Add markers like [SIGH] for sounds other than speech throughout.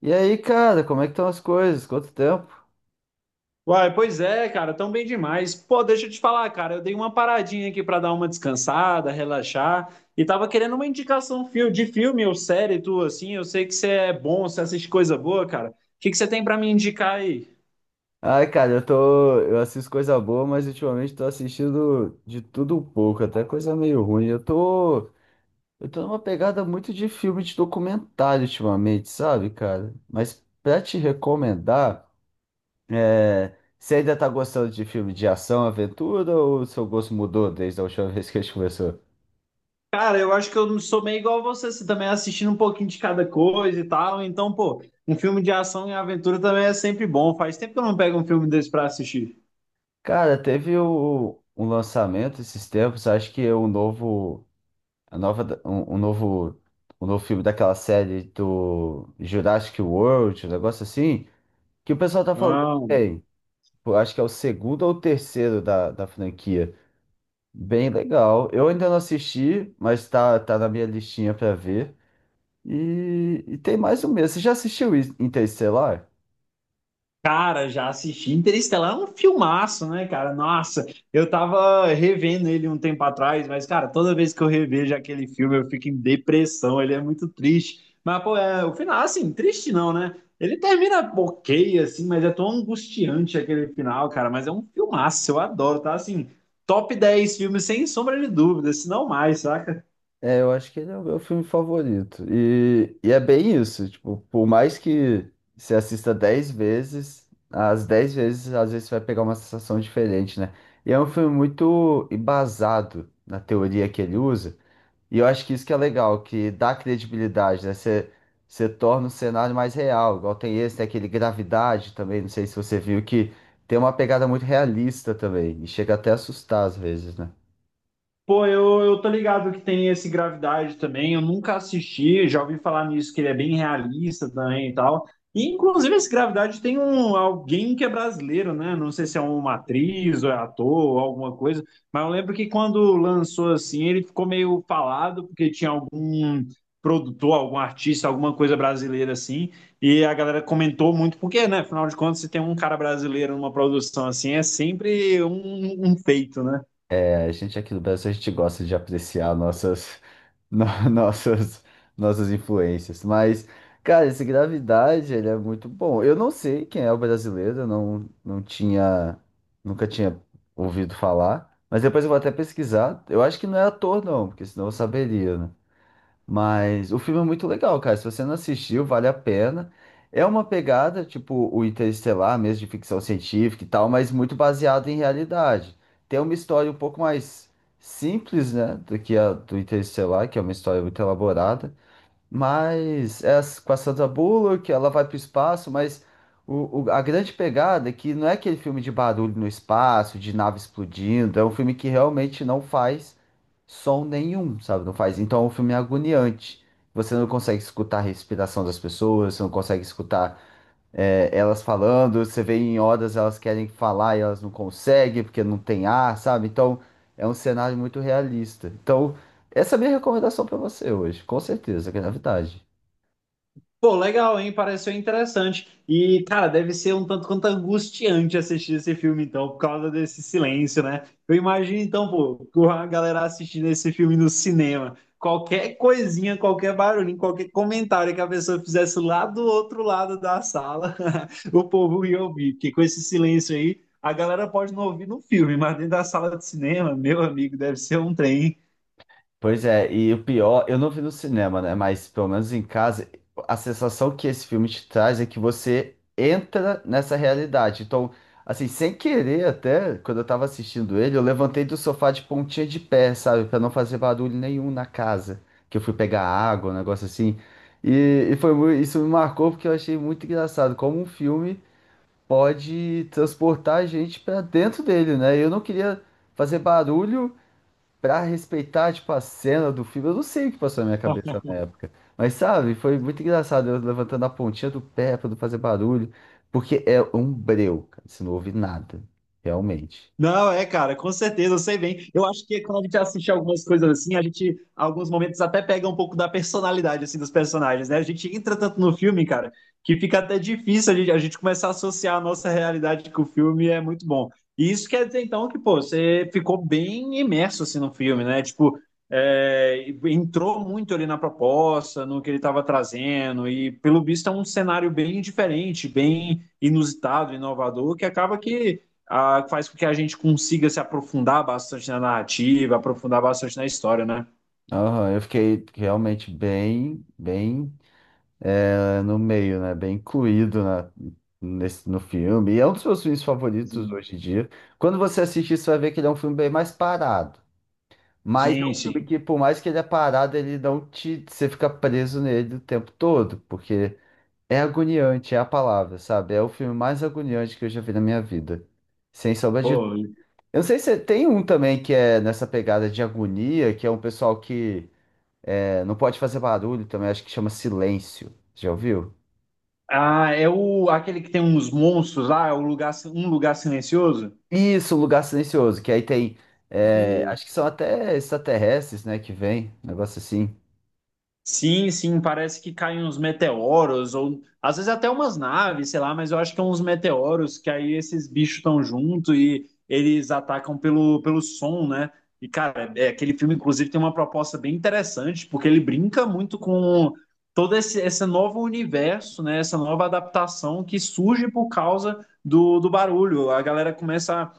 E aí, cara, como é que estão as coisas? Quanto tempo? Uai, pois é, cara, tão bem demais. Pô, deixa eu te falar, cara, eu dei uma paradinha aqui pra dar uma descansada, relaxar, e tava querendo uma indicação de filme ou série tu assim, eu sei que você é bom, você assiste coisa boa, cara. O que que você tem pra me indicar aí? Ai, cara, eu assisto coisa boa, mas ultimamente tô assistindo de tudo um pouco, até coisa meio ruim. Eu tô numa pegada muito de filme de documentário ultimamente, sabe, cara? Mas pra te recomendar, você ainda tá gostando de filme de ação, aventura ou seu gosto mudou desde a última [LAUGHS] vez que a gente conversou? Cara, eu acho que eu não sou meio igual a você, você também é assistindo um pouquinho de cada coisa e tal, então, pô, um filme de ação e aventura também é sempre bom. Faz tempo que eu não pego um filme desse pra assistir. Cara, teve um lançamento esses tempos, acho que é um novo A nova, da- um, um novo filme daquela série do Jurassic World, um negócio assim, que o pessoal tá falando Ah. bem. Pô, acho que é o segundo ou o terceiro da franquia. Bem legal. Eu ainda não assisti, mas tá na minha listinha pra ver. E tem mais um mês. Você já assistiu Interestelar? Cara, já assisti. Interestelar é um filmaço, né, cara? Nossa, eu tava revendo ele um tempo atrás, mas, cara, toda vez que eu revejo aquele filme, eu fico em depressão. Ele é muito triste. Mas, pô, é, o final, assim, triste não, né? Ele termina ok, assim, mas é tão angustiante aquele final, cara. Mas é um filmaço, eu adoro, tá? Assim, top 10 filmes, sem sombra de dúvida, se não mais, saca? É, eu acho que ele é o meu filme favorito. E é bem isso, tipo, por mais que você assista 10 vezes, as 10 vezes, às vezes, você vai pegar uma sensação diferente, né? E é um filme muito embasado na teoria que ele usa. E eu acho que isso que é legal, que dá credibilidade, né? Você torna o cenário mais real. Igual tem esse, tem aquele Gravidade também, não sei se você viu, que tem uma pegada muito realista também. E chega até a assustar às vezes, né? Pô, eu tô ligado que tem esse Gravidade também. Eu nunca assisti, já ouvi falar nisso, que ele é bem realista também e tal. E, inclusive, esse Gravidade tem alguém que é brasileiro, né? Não sei se é uma atriz ou é ator ou alguma coisa, mas eu lembro que quando lançou assim, ele ficou meio falado, porque tinha algum produtor, algum artista, alguma coisa brasileira assim, e a galera comentou muito, porque, né? Afinal de contas, se tem um cara brasileiro numa produção assim, é sempre um feito, né? É, a gente aqui do Brasil, a gente gosta de apreciar nossas, no- [LAUGHS] nossas influências. Mas, cara, esse Gravidade, ele é muito bom. Eu não sei quem é o brasileiro, eu não, não tinha, nunca tinha ouvido falar. Mas depois eu vou até pesquisar. Eu acho que não é ator, não, porque senão eu saberia, né? Mas o filme é muito legal, cara. Se você não assistiu, vale a pena. É uma pegada, tipo o Interestelar, mesmo de ficção científica e tal, mas muito baseado em realidade. Tem uma história um pouco mais simples, né, do que a do Interestelar, que é uma história muito elaborada, mas é com a Sandra Bullock, ela vai para o espaço, mas a grande pegada é que não é aquele filme de barulho no espaço, de nave explodindo, é um filme que realmente não faz som nenhum, sabe? Não faz. Então é um filme agoniante. Você não consegue escutar a respiração das pessoas, você não consegue escutar elas falando, você vê em Odas elas querem falar e elas não conseguem porque não tem ar, sabe? Então é um cenário muito realista. Então, essa é a minha recomendação pra você hoje, com certeza, Gravidade. Pô, legal, hein? Pareceu interessante. E, cara, deve ser um tanto quanto angustiante assistir esse filme, então, por causa desse silêncio, né? Eu imagino, então, pô, com a galera assistindo esse filme no cinema. Qualquer coisinha, qualquer barulhinho, qualquer comentário que a pessoa fizesse lá do outro lado da sala, [LAUGHS] o povo ia ouvir. Porque com esse silêncio aí, a galera pode não ouvir no filme, mas dentro da sala de cinema, meu amigo, deve ser um trem. Pois é, e o pior, eu não vi no cinema, né? Mas pelo menos em casa, a sensação que esse filme te traz é que você entra nessa realidade. Então, assim, sem querer até, quando eu tava assistindo ele, eu levantei do sofá de pontinha de pé, sabe? Pra não fazer barulho nenhum na casa. Que eu fui pegar água, um negócio assim. E foi, isso me marcou porque eu achei muito engraçado como um filme pode transportar a gente pra dentro dele, né? Eu não queria fazer barulho. Pra respeitar, tipo, a cena do filme, eu não sei o que passou na minha cabeça na época. Mas, sabe, foi muito engraçado eu levantando a pontinha do pé pra não fazer barulho. Porque é um breu, cara. Você não ouve nada. Realmente. Não, é, cara, com certeza, eu sei bem. Eu acho que quando a gente assiste algumas coisas assim, a gente, alguns momentos, até pega um pouco da personalidade, assim, dos personagens, né? A gente entra tanto no filme, cara, que fica até difícil a gente começar a associar a nossa realidade com o filme, é muito bom. E isso quer dizer, então, que, pô, você ficou bem imerso, assim, no filme, né? Tipo, é, entrou muito ali na proposta, no que ele estava trazendo, e pelo visto é um cenário bem diferente, bem inusitado, inovador, que acaba que ah, faz com que a gente consiga se aprofundar bastante na narrativa, aprofundar bastante na história, né? Aham, eu fiquei realmente bem no meio, né? Bem incluído no filme. E é um dos meus filmes favoritos Sim. hoje em dia. Quando você assistir, você vai ver que ele é um filme bem mais parado. Mas é um Sim, filme sim. que, por mais que ele é parado, ele não te. Você fica preso nele o tempo todo, porque é agoniante, é a palavra, sabe? É o filme mais agoniante que eu já vi na minha vida. Sem sombra de. Pô. Eu não sei se tem um também que é nessa pegada de agonia, que é um pessoal que não pode fazer barulho também, acho que chama Silêncio. Já ouviu? Ah, é o aquele que tem uns monstros lá, é o lugar, um lugar silencioso? Isso, um lugar silencioso, que aí tem. Acho que são até extraterrestres, né, que vem, um negócio assim. Sim, sim, parece que caem uns meteoros, ou às vezes até umas naves, sei lá, mas eu acho que é uns meteoros que aí esses bichos estão junto e eles atacam pelo, som, né? E, cara, é, é, aquele filme, inclusive, tem uma proposta bem interessante, porque ele brinca muito com todo esse novo universo, né? Essa nova adaptação que surge por causa do barulho. A galera começa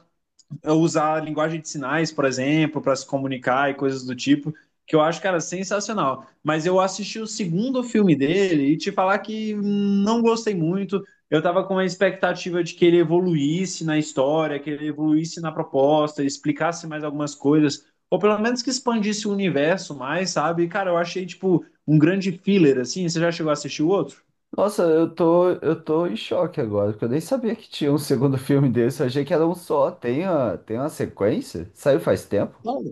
usar linguagem de sinais, por exemplo, para se comunicar e coisas do tipo, que eu acho, cara, sensacional. Mas eu assisti o segundo filme dele e te falar que não gostei muito. Eu tava com uma expectativa de que ele evoluísse na história, que ele evoluísse na proposta, explicasse mais algumas coisas, ou pelo menos que expandisse o universo mais, sabe? E, cara, eu achei, tipo, um grande filler, assim. Você já chegou a assistir o outro? Nossa, eu tô em choque agora, porque eu nem sabia que tinha um segundo filme desse. Eu achei que era um só. Tem uma sequência? Saiu faz tempo? Não.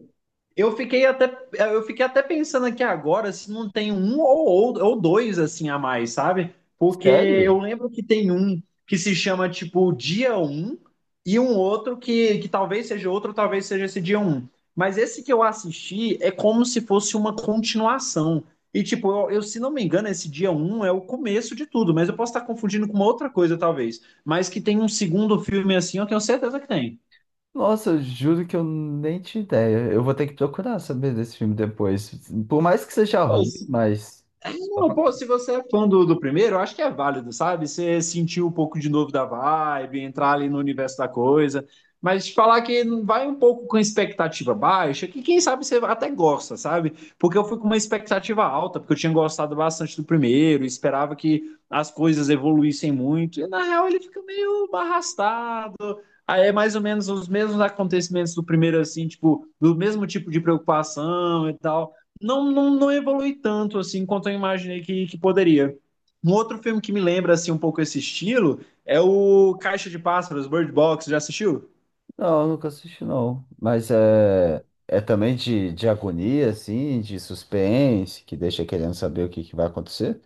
Eu fiquei até, eu fiquei até pensando aqui agora se não tem um ou dois assim a mais, sabe? Porque Sério? eu lembro que tem um que se chama tipo dia Um e um outro que talvez seja outro, talvez seja esse dia Um. Mas esse que eu assisti é como se fosse uma continuação. E tipo, eu, se não me engano, esse dia Um é o começo de tudo, mas eu posso estar confundindo com uma outra coisa talvez. Mas que tem um segundo filme assim, eu tenho certeza que tem. Nossa, eu juro que eu nem tinha ideia. Eu vou ter que procurar saber desse filme depois. Por mais que seja Pô. ruim, mas. Só Não, pra- pô, se você é fã do primeiro, eu acho que é válido, sabe? Você sentir um pouco de novo da vibe, entrar ali no universo da coisa. Mas te falar que não vai um pouco com a expectativa baixa, que quem sabe você até gosta, sabe? Porque eu fui com uma expectativa alta, porque eu tinha gostado bastante do primeiro, esperava que as coisas evoluíssem muito. E na real ele fica meio arrastado. Aí é mais ou menos os mesmos acontecimentos do primeiro, assim, tipo, do mesmo tipo de preocupação e tal não, não, não evolui tanto assim quanto eu imaginei que poderia. Um outro filme que me lembra assim um pouco esse estilo é o Caixa de Pássaros, Bird Box. Já assistiu? Não, eu nunca assisti, não. Mas é. É também de agonia, assim, de suspense, que deixa querendo saber o que, que vai acontecer?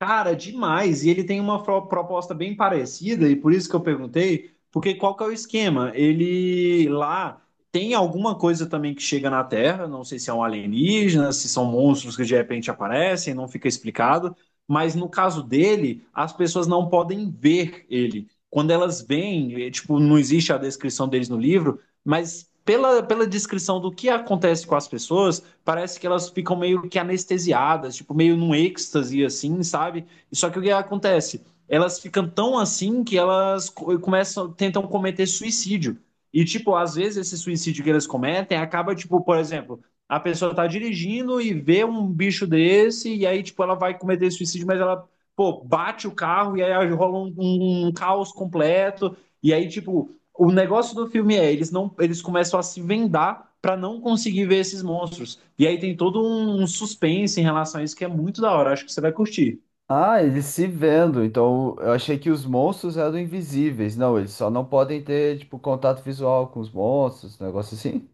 Cara, demais. E ele tem uma proposta bem parecida, e por isso que eu perguntei, porque qual que é o esquema? Ele lá tem alguma coisa também que chega na Terra, não sei se é um alienígena, se são monstros que de repente aparecem, não fica explicado, mas no caso dele, as pessoas não podem ver ele. Quando elas veem, eh, tipo, não existe a descrição deles no livro, mas pela, descrição do que acontece com as pessoas parece que elas ficam meio que anestesiadas, tipo, meio num êxtase, assim, sabe? Só que o que acontece? Elas ficam tão assim que elas começam, tentam cometer suicídio. E, tipo, às vezes esse suicídio que elas cometem acaba, tipo, por exemplo, a pessoa tá dirigindo e vê um bicho desse, e aí, tipo, ela vai cometer suicídio, mas ela, pô, bate o carro e aí rola um, um caos completo. E aí, tipo, o negócio do filme é, eles não, eles começam a se vendar para não conseguir ver esses monstros. E aí tem todo um suspense em relação a isso que é muito da hora, acho que você vai curtir. Ah, eles se vendo. Então, eu achei que os monstros eram invisíveis. Não, eles só não podem ter, tipo, contato visual com os monstros, um negócio assim.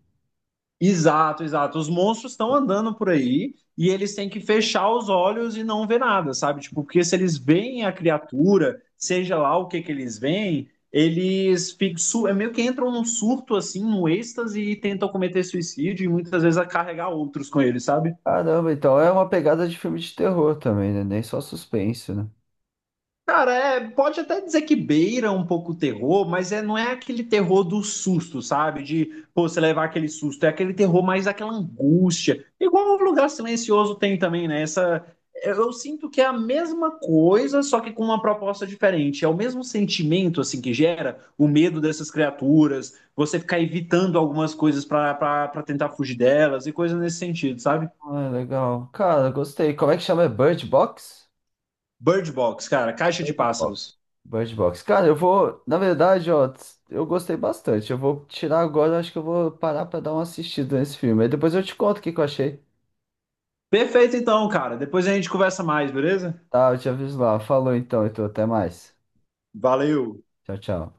Exato, exato. Os monstros estão andando por aí e eles têm que fechar os olhos e não ver nada, sabe? Tipo, porque se eles veem a criatura, seja lá o que que eles veem, eles ficam, é meio que entram num surto assim, num êxtase e tentam cometer suicídio e muitas vezes a carregar outros com eles, sabe? Caramba, então é uma pegada de filme de terror também, né? Nem só suspense, né? Cara, é, pode até dizer que beira um pouco o terror, mas é, não é aquele terror do susto, sabe? De, pô, você levar aquele susto. É aquele terror mais daquela angústia. Igual o Lugar Silencioso tem também, né? Essa, eu sinto que é a mesma coisa, só que com uma proposta diferente. É o mesmo sentimento, assim, que gera o medo dessas criaturas, você ficar evitando algumas coisas pra para tentar fugir delas e coisa nesse sentido, sabe? Ah, legal. Cara, gostei. Como é que chama? É Bird Box? Bird Box, cara, Caixa de Bird Box. Pássaros. Bird Box. Cara, eu vou. Na verdade, ó, eu gostei bastante. Eu vou tirar agora, acho que eu vou parar pra dar uma assistida nesse filme. Aí depois eu te conto o que que eu achei. Perfeito então, cara. Depois a gente conversa mais, beleza? Tá, eu te aviso lá. Falou então, até mais. Valeu! Tchau, tchau.